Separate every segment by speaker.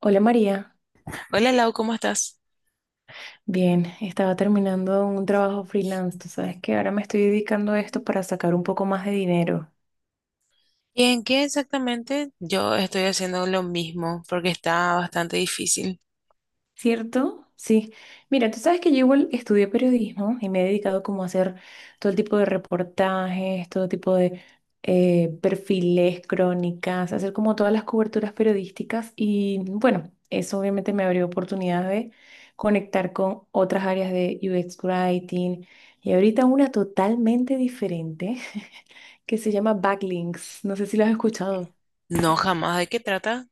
Speaker 1: Hola María,
Speaker 2: Hola Lau, ¿cómo estás?
Speaker 1: bien, estaba terminando un trabajo freelance, tú sabes que ahora me estoy dedicando a esto para sacar un poco más de dinero,
Speaker 2: ¿Y en qué exactamente? Yo estoy haciendo lo mismo porque está bastante difícil.
Speaker 1: ¿cierto? Sí, mira, tú sabes que yo igual estudié periodismo y me he dedicado como a hacer todo el tipo de reportajes, todo tipo de perfiles, crónicas, hacer como todas las coberturas periodísticas y bueno, eso obviamente me abrió oportunidad de conectar con otras áreas de UX Writing y ahorita una totalmente diferente. Que se llama backlinks. No sé si lo has escuchado.
Speaker 2: No, jamás. ¿De qué trata?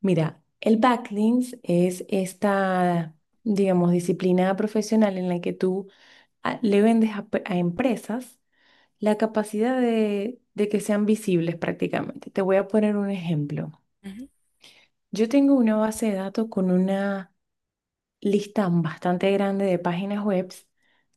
Speaker 1: Mira, el backlinks es esta, digamos, disciplina profesional en la que tú le vendes a empresas la capacidad de que sean visibles prácticamente. Te voy a poner un ejemplo.
Speaker 2: Ujú.
Speaker 1: Yo tengo una base de datos con una lista bastante grande de páginas web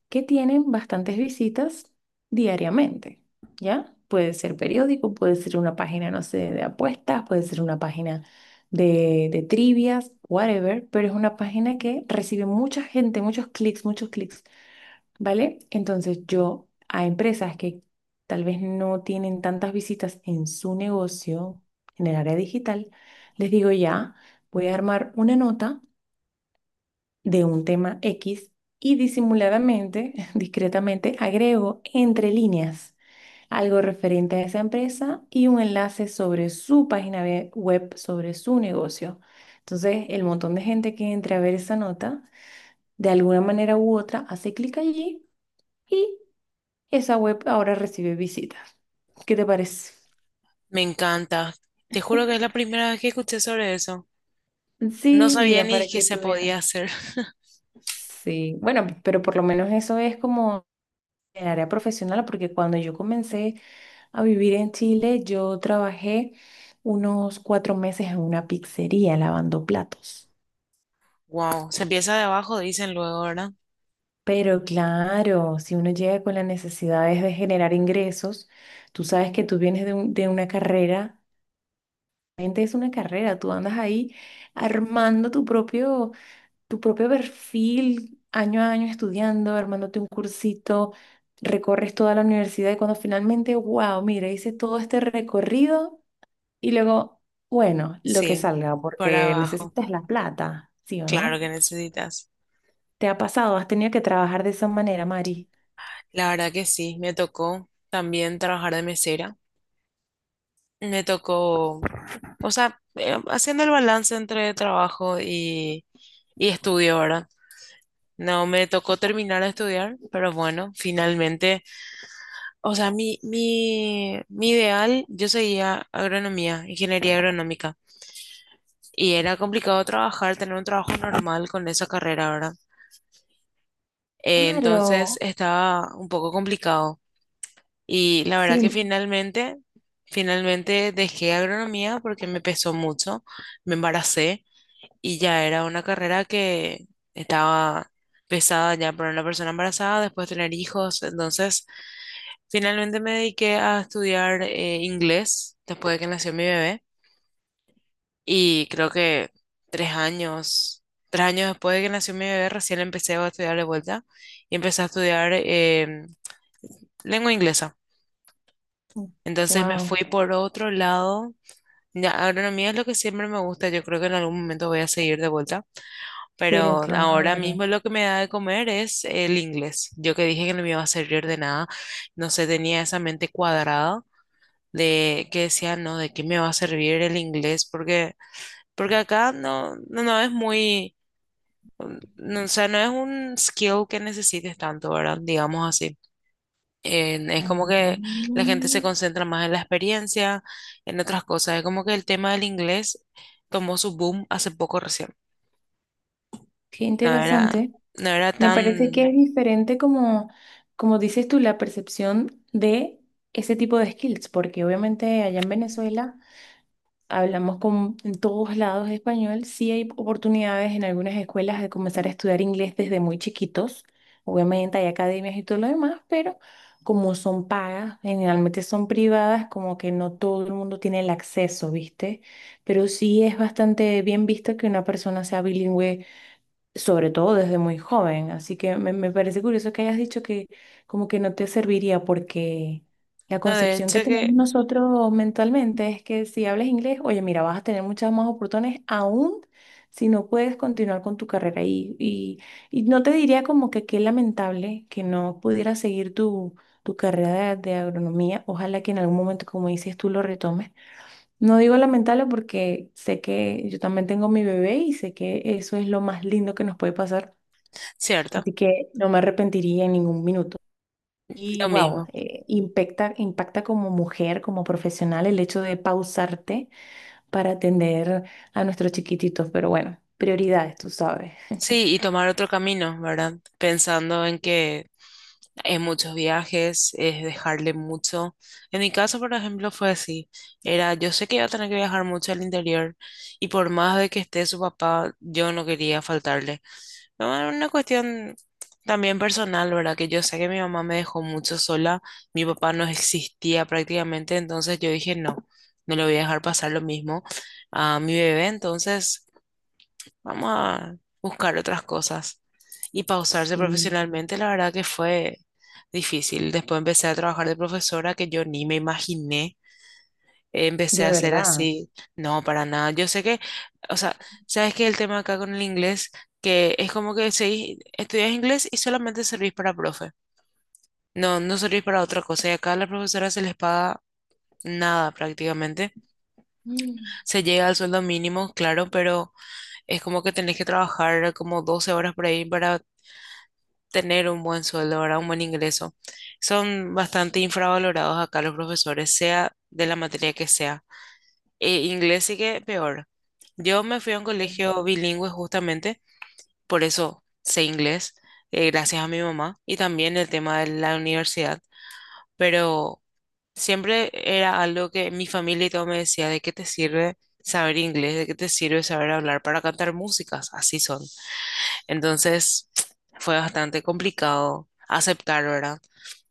Speaker 1: que tienen bastantes visitas diariamente, ¿ya? Puede ser periódico, puede ser una página, no sé, de apuestas, puede ser una página de trivias, whatever, pero es una página que recibe mucha gente, muchos clics, ¿vale? Entonces yo a empresas que tal vez no tienen tantas visitas en su negocio, en el área digital, les digo ya, voy a armar una nota de un tema X y disimuladamente, discretamente, agrego entre líneas algo referente a esa empresa y un enlace sobre su página web, sobre su negocio. Entonces, el montón de gente que entre a ver esa nota, de alguna manera u otra, hace clic allí y esa web ahora recibe visitas. ¿Qué te parece?
Speaker 2: Me encanta. Te juro que es la primera vez que escuché sobre eso. No
Speaker 1: Sí,
Speaker 2: sabía
Speaker 1: mira,
Speaker 2: ni
Speaker 1: para
Speaker 2: que
Speaker 1: que
Speaker 2: se
Speaker 1: tú veas.
Speaker 2: podía hacer.
Speaker 1: Sí, bueno, pero por lo menos eso es como el área profesional, porque cuando yo comencé a vivir en Chile, yo trabajé unos 4 meses en una pizzería lavando platos.
Speaker 2: Wow. Se empieza de abajo, dicen luego, ¿verdad?
Speaker 1: Pero claro, si uno llega con las necesidades de generar ingresos, tú sabes que tú vienes de una carrera, realmente es una carrera, tú andas ahí armando tu propio perfil, año a año estudiando, armándote un cursito, recorres toda la universidad y cuando finalmente, wow, mira, hice todo este recorrido. Y luego, bueno, lo que
Speaker 2: Sí,
Speaker 1: salga,
Speaker 2: por
Speaker 1: porque
Speaker 2: abajo.
Speaker 1: necesitas la plata, ¿sí o
Speaker 2: Claro
Speaker 1: no?
Speaker 2: que necesitas.
Speaker 1: ¿Te ha pasado? ¿Has tenido que trabajar de esa manera, Mari?
Speaker 2: La verdad que sí, me tocó también trabajar de mesera. Me tocó. O sea, haciendo el balance entre trabajo y estudio, ¿verdad? No me tocó terminar de estudiar, pero bueno, finalmente, o sea, mi ideal, yo seguía agronomía, ingeniería agronómica, y era complicado trabajar, tener un trabajo normal con esa carrera, ¿verdad? Entonces
Speaker 1: Claro,
Speaker 2: estaba un poco complicado. Y la verdad que
Speaker 1: sí.
Speaker 2: finalmente dejé agronomía porque me pesó mucho, me embaracé y ya era una carrera que estaba pesada ya para una persona embarazada, después tener hijos. Entonces, finalmente me dediqué a estudiar inglés después de que nació mi bebé y creo que tres años, 3 años después de que nació mi bebé, recién empecé a estudiar de vuelta y empecé a estudiar lengua inglesa. Entonces me fui
Speaker 1: Wow,
Speaker 2: por otro lado. Ya, agronomía es lo que siempre me gusta. Yo creo que en algún momento voy a seguir de vuelta.
Speaker 1: pero
Speaker 2: Pero ahora
Speaker 1: claro.
Speaker 2: mismo lo que me da de comer es el inglés. Yo que dije que no me iba a servir de nada, no sé, tenía esa mente cuadrada de que decía, no, ¿de qué me va a servir el inglés? Porque acá no es muy, mm, no, o sea, no es un skill que necesites tanto, ¿verdad? Digamos así. Es como que la gente se
Speaker 1: Mm,
Speaker 2: concentra más en la experiencia, en otras cosas. Es como que el tema del inglés tomó su boom hace poco recién.
Speaker 1: qué
Speaker 2: No era,
Speaker 1: interesante.
Speaker 2: no era
Speaker 1: Me parece que
Speaker 2: tan...
Speaker 1: es diferente como, como dices tú, la percepción de ese tipo de skills, porque obviamente allá en Venezuela hablamos con en todos lados español, sí hay oportunidades en algunas escuelas de comenzar a estudiar inglés desde muy chiquitos. Obviamente hay academias y todo lo demás, pero como son pagas, generalmente son privadas, como que no todo el mundo tiene el acceso, ¿viste? Pero sí es bastante bien visto que una persona sea bilingüe sobre todo desde muy joven. Así que me parece curioso que hayas dicho que como que no te serviría porque la
Speaker 2: No, de
Speaker 1: concepción que
Speaker 2: hecho
Speaker 1: tenemos
Speaker 2: que,
Speaker 1: nosotros mentalmente es que si hablas inglés, oye, mira, vas a tener muchas más oportunidades aún si no puedes continuar con tu carrera. Y no te diría como que qué lamentable que no pudieras seguir tu, tu carrera de agronomía. Ojalá que en algún momento, como dices, tú lo retomes. No digo lamentarlo porque sé que yo también tengo mi bebé y sé que eso es lo más lindo que nos puede pasar,
Speaker 2: cierto,
Speaker 1: así que no me arrepentiría en ningún minuto. Y
Speaker 2: lo
Speaker 1: wow,
Speaker 2: mismo.
Speaker 1: impacta, impacta como mujer, como profesional, el hecho de pausarte para atender a nuestros chiquititos, pero bueno, prioridades, tú sabes.
Speaker 2: Sí, y tomar otro camino, ¿verdad? Pensando en que hay muchos viajes, es dejarle mucho. En mi caso, por ejemplo, fue así. Era, yo sé que iba a tener que viajar mucho al interior y por más de que esté su papá, yo no quería faltarle. No, era una cuestión también personal, ¿verdad? Que yo sé que mi mamá me dejó mucho sola, mi papá no existía prácticamente, entonces yo dije, no, no le voy a dejar pasar lo mismo a mi bebé, entonces... Vamos a buscar otras cosas. Y pausarse
Speaker 1: Sí,
Speaker 2: profesionalmente, la verdad que fue difícil. Después empecé a trabajar de profesora que yo ni me imaginé. Empecé a
Speaker 1: de
Speaker 2: hacer
Speaker 1: verdad.
Speaker 2: así, no, para nada. Yo sé que, o sea, sabes que el tema acá con el inglés, que es como que estudias inglés y solamente servís para profe. No, no servís para otra cosa. Y acá a las profesoras se les paga nada prácticamente.
Speaker 1: Mm.
Speaker 2: Se llega al sueldo mínimo, claro, pero es como que tenés que trabajar como 12 horas por ahí para tener un buen sueldo, ¿verdad? Un buen ingreso. Son bastante infravalorados acá los profesores, sea de la materia que sea. Inglés sí que peor. Yo me fui a un colegio bilingüe justamente, por eso sé inglés, gracias a mi mamá y también el tema de la universidad, pero siempre era algo que mi familia y todo me decía, ¿de qué te sirve saber inglés? ¿De qué te sirve saber hablar para cantar músicas? Así son. Entonces fue bastante complicado aceptar, ¿verdad?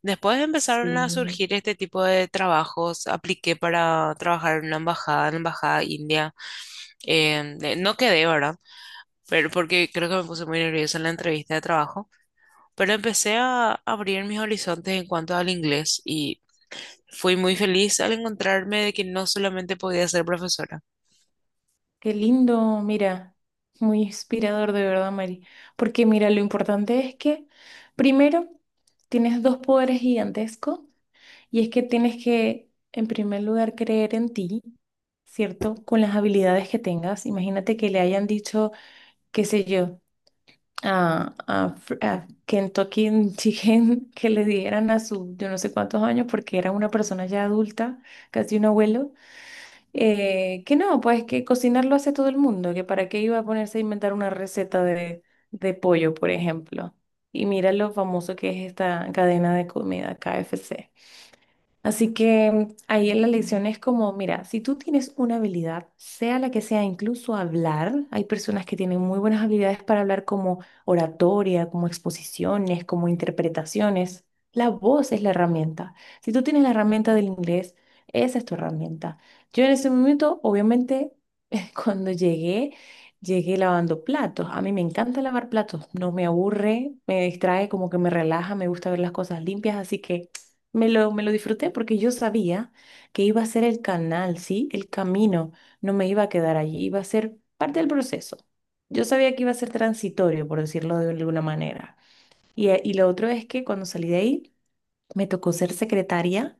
Speaker 2: Después empezaron a
Speaker 1: Sí.
Speaker 2: surgir este tipo de trabajos. Apliqué para trabajar en una embajada, en la embajada india. No quedé, ¿verdad? Pero porque creo que me puse muy nerviosa en la entrevista de trabajo. Pero empecé a abrir mis horizontes en cuanto al inglés y fui muy feliz al encontrarme de que no solamente podía ser profesora.
Speaker 1: Qué lindo, mira, muy inspirador de verdad, Mari. Porque mira, lo importante es que primero tienes dos poderes gigantescos y es que tienes que, en primer lugar, creer en ti, ¿cierto? Con las habilidades que tengas. Imagínate que le hayan dicho, qué sé yo, a Kentucky Chicken que le dieran a su, yo no sé cuántos años, porque era una persona ya adulta, casi un abuelo que no, pues que cocinar lo hace todo el mundo, que para qué iba a ponerse a inventar una receta de pollo, por ejemplo. Y mira lo famoso que es esta cadena de comida, KFC. Así que ahí en la lección es como, mira, si tú tienes una habilidad, sea la que sea, incluso hablar, hay personas que tienen muy buenas habilidades para hablar como oratoria, como exposiciones, como interpretaciones. La voz es la herramienta. Si tú tienes la herramienta del inglés, esa es tu herramienta. Yo en ese momento, obviamente, cuando llegué, llegué lavando platos. A mí me encanta lavar platos, no me aburre, me distrae, como que me relaja, me gusta ver las cosas limpias, así que me lo disfruté porque yo sabía que iba a ser el canal, ¿sí? El camino, no me iba a quedar allí, iba a ser parte del proceso. Yo sabía que iba a ser transitorio, por decirlo de alguna manera. Y lo otro es que cuando salí de ahí, me tocó ser secretaria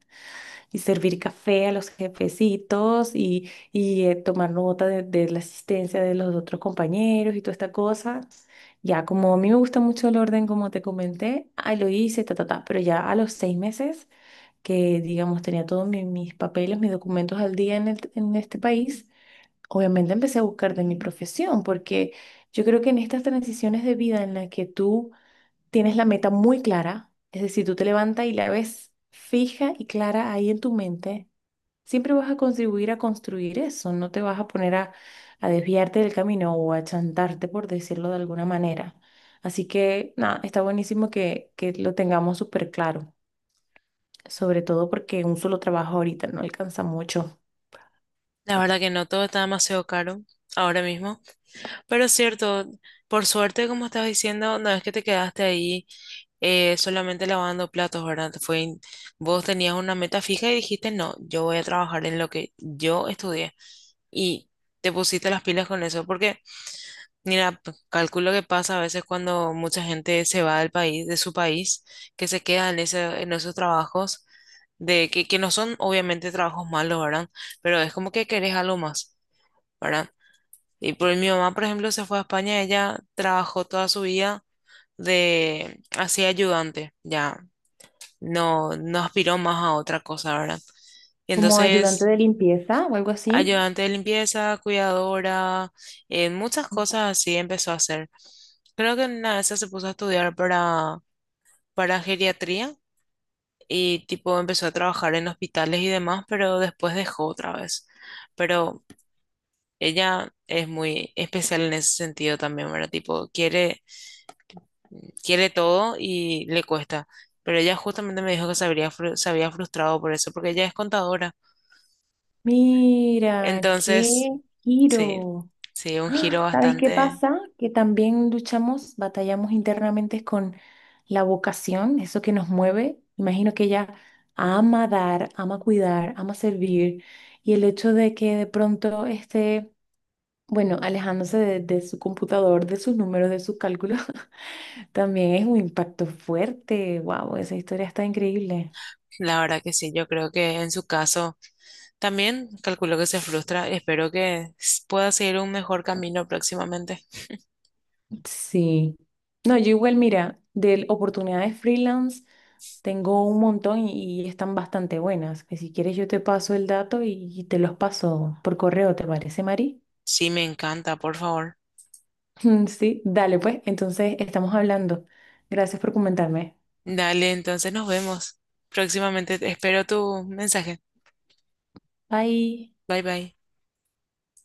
Speaker 1: y servir café a los jefecitos y tomar nota de la asistencia de los otros compañeros y toda esta cosa. Ya, como a mí me gusta mucho el orden, como te comenté, ahí lo hice, ta, ta, ta, pero ya a los 6 meses que, digamos, tenía todos mis papeles, mis documentos al día en, en este país, obviamente empecé a buscar de mi profesión, porque yo creo que en estas transiciones de vida en las que tú tienes la meta muy clara, es decir, tú te levantas y la ves fija y clara ahí en tu mente, siempre vas a contribuir a construir eso, no te vas a poner a desviarte del camino o a chantarte, por decirlo de alguna manera. Así que, nada, está buenísimo que lo tengamos súper claro, sobre todo porque un solo trabajo ahorita no alcanza mucho.
Speaker 2: La verdad que no, todo está demasiado caro ahora mismo. Pero es cierto, por suerte, como estás diciendo, no es que te quedaste ahí solamente lavando platos, ¿verdad? Vos tenías una meta fija y dijiste, no, yo voy a trabajar en lo que yo estudié. Y te pusiste las pilas con eso, porque, mira, calculo que pasa a veces cuando mucha gente se va del país, de su país, que se queda en ese, en esos trabajos, que no son obviamente trabajos malos, ¿verdad? Pero es como que querés algo más, ¿verdad? Y por mi mamá, por ejemplo, se fue a España, ella trabajó toda su vida de así ayudante, ya no, no aspiró más a otra cosa, ¿verdad? Y
Speaker 1: Como ayudante
Speaker 2: entonces,
Speaker 1: de limpieza o algo así.
Speaker 2: ayudante de limpieza, cuidadora, muchas cosas así empezó a hacer. Creo que en una de esas se puso a estudiar para geriatría y tipo empezó a trabajar en hospitales y demás, pero después dejó otra vez. Pero ella es muy especial en ese sentido también, ¿verdad? Tipo, quiere todo y le cuesta. Pero ella justamente me dijo que se había frustrado por eso, porque ella es contadora.
Speaker 1: Mira,
Speaker 2: Entonces,
Speaker 1: qué
Speaker 2: sí,
Speaker 1: giro.
Speaker 2: sí, un giro
Speaker 1: ¡Ah! ¿Sabes qué
Speaker 2: bastante.
Speaker 1: pasa? Que también luchamos, batallamos internamente con la vocación, eso que nos mueve. Imagino que ella ama dar, ama cuidar, ama servir. Y el hecho de que de pronto esté, bueno, alejándose de su computador, de sus números, de sus cálculos, también es un impacto fuerte. Wow, esa historia está increíble.
Speaker 2: La verdad que sí, yo creo que en su caso también calculo que se frustra. Espero que pueda seguir un mejor camino próximamente.
Speaker 1: Sí. No, yo igual, mira, de oportunidades freelance tengo un montón y están bastante buenas. Que si quieres yo te paso el dato y te los paso por correo, ¿te parece, Mari?
Speaker 2: Sí, me encanta, por favor.
Speaker 1: Sí, dale pues, entonces estamos hablando. Gracias por comentarme.
Speaker 2: Dale, entonces nos vemos. Próximamente espero tu mensaje.
Speaker 1: Bye.
Speaker 2: Bye bye.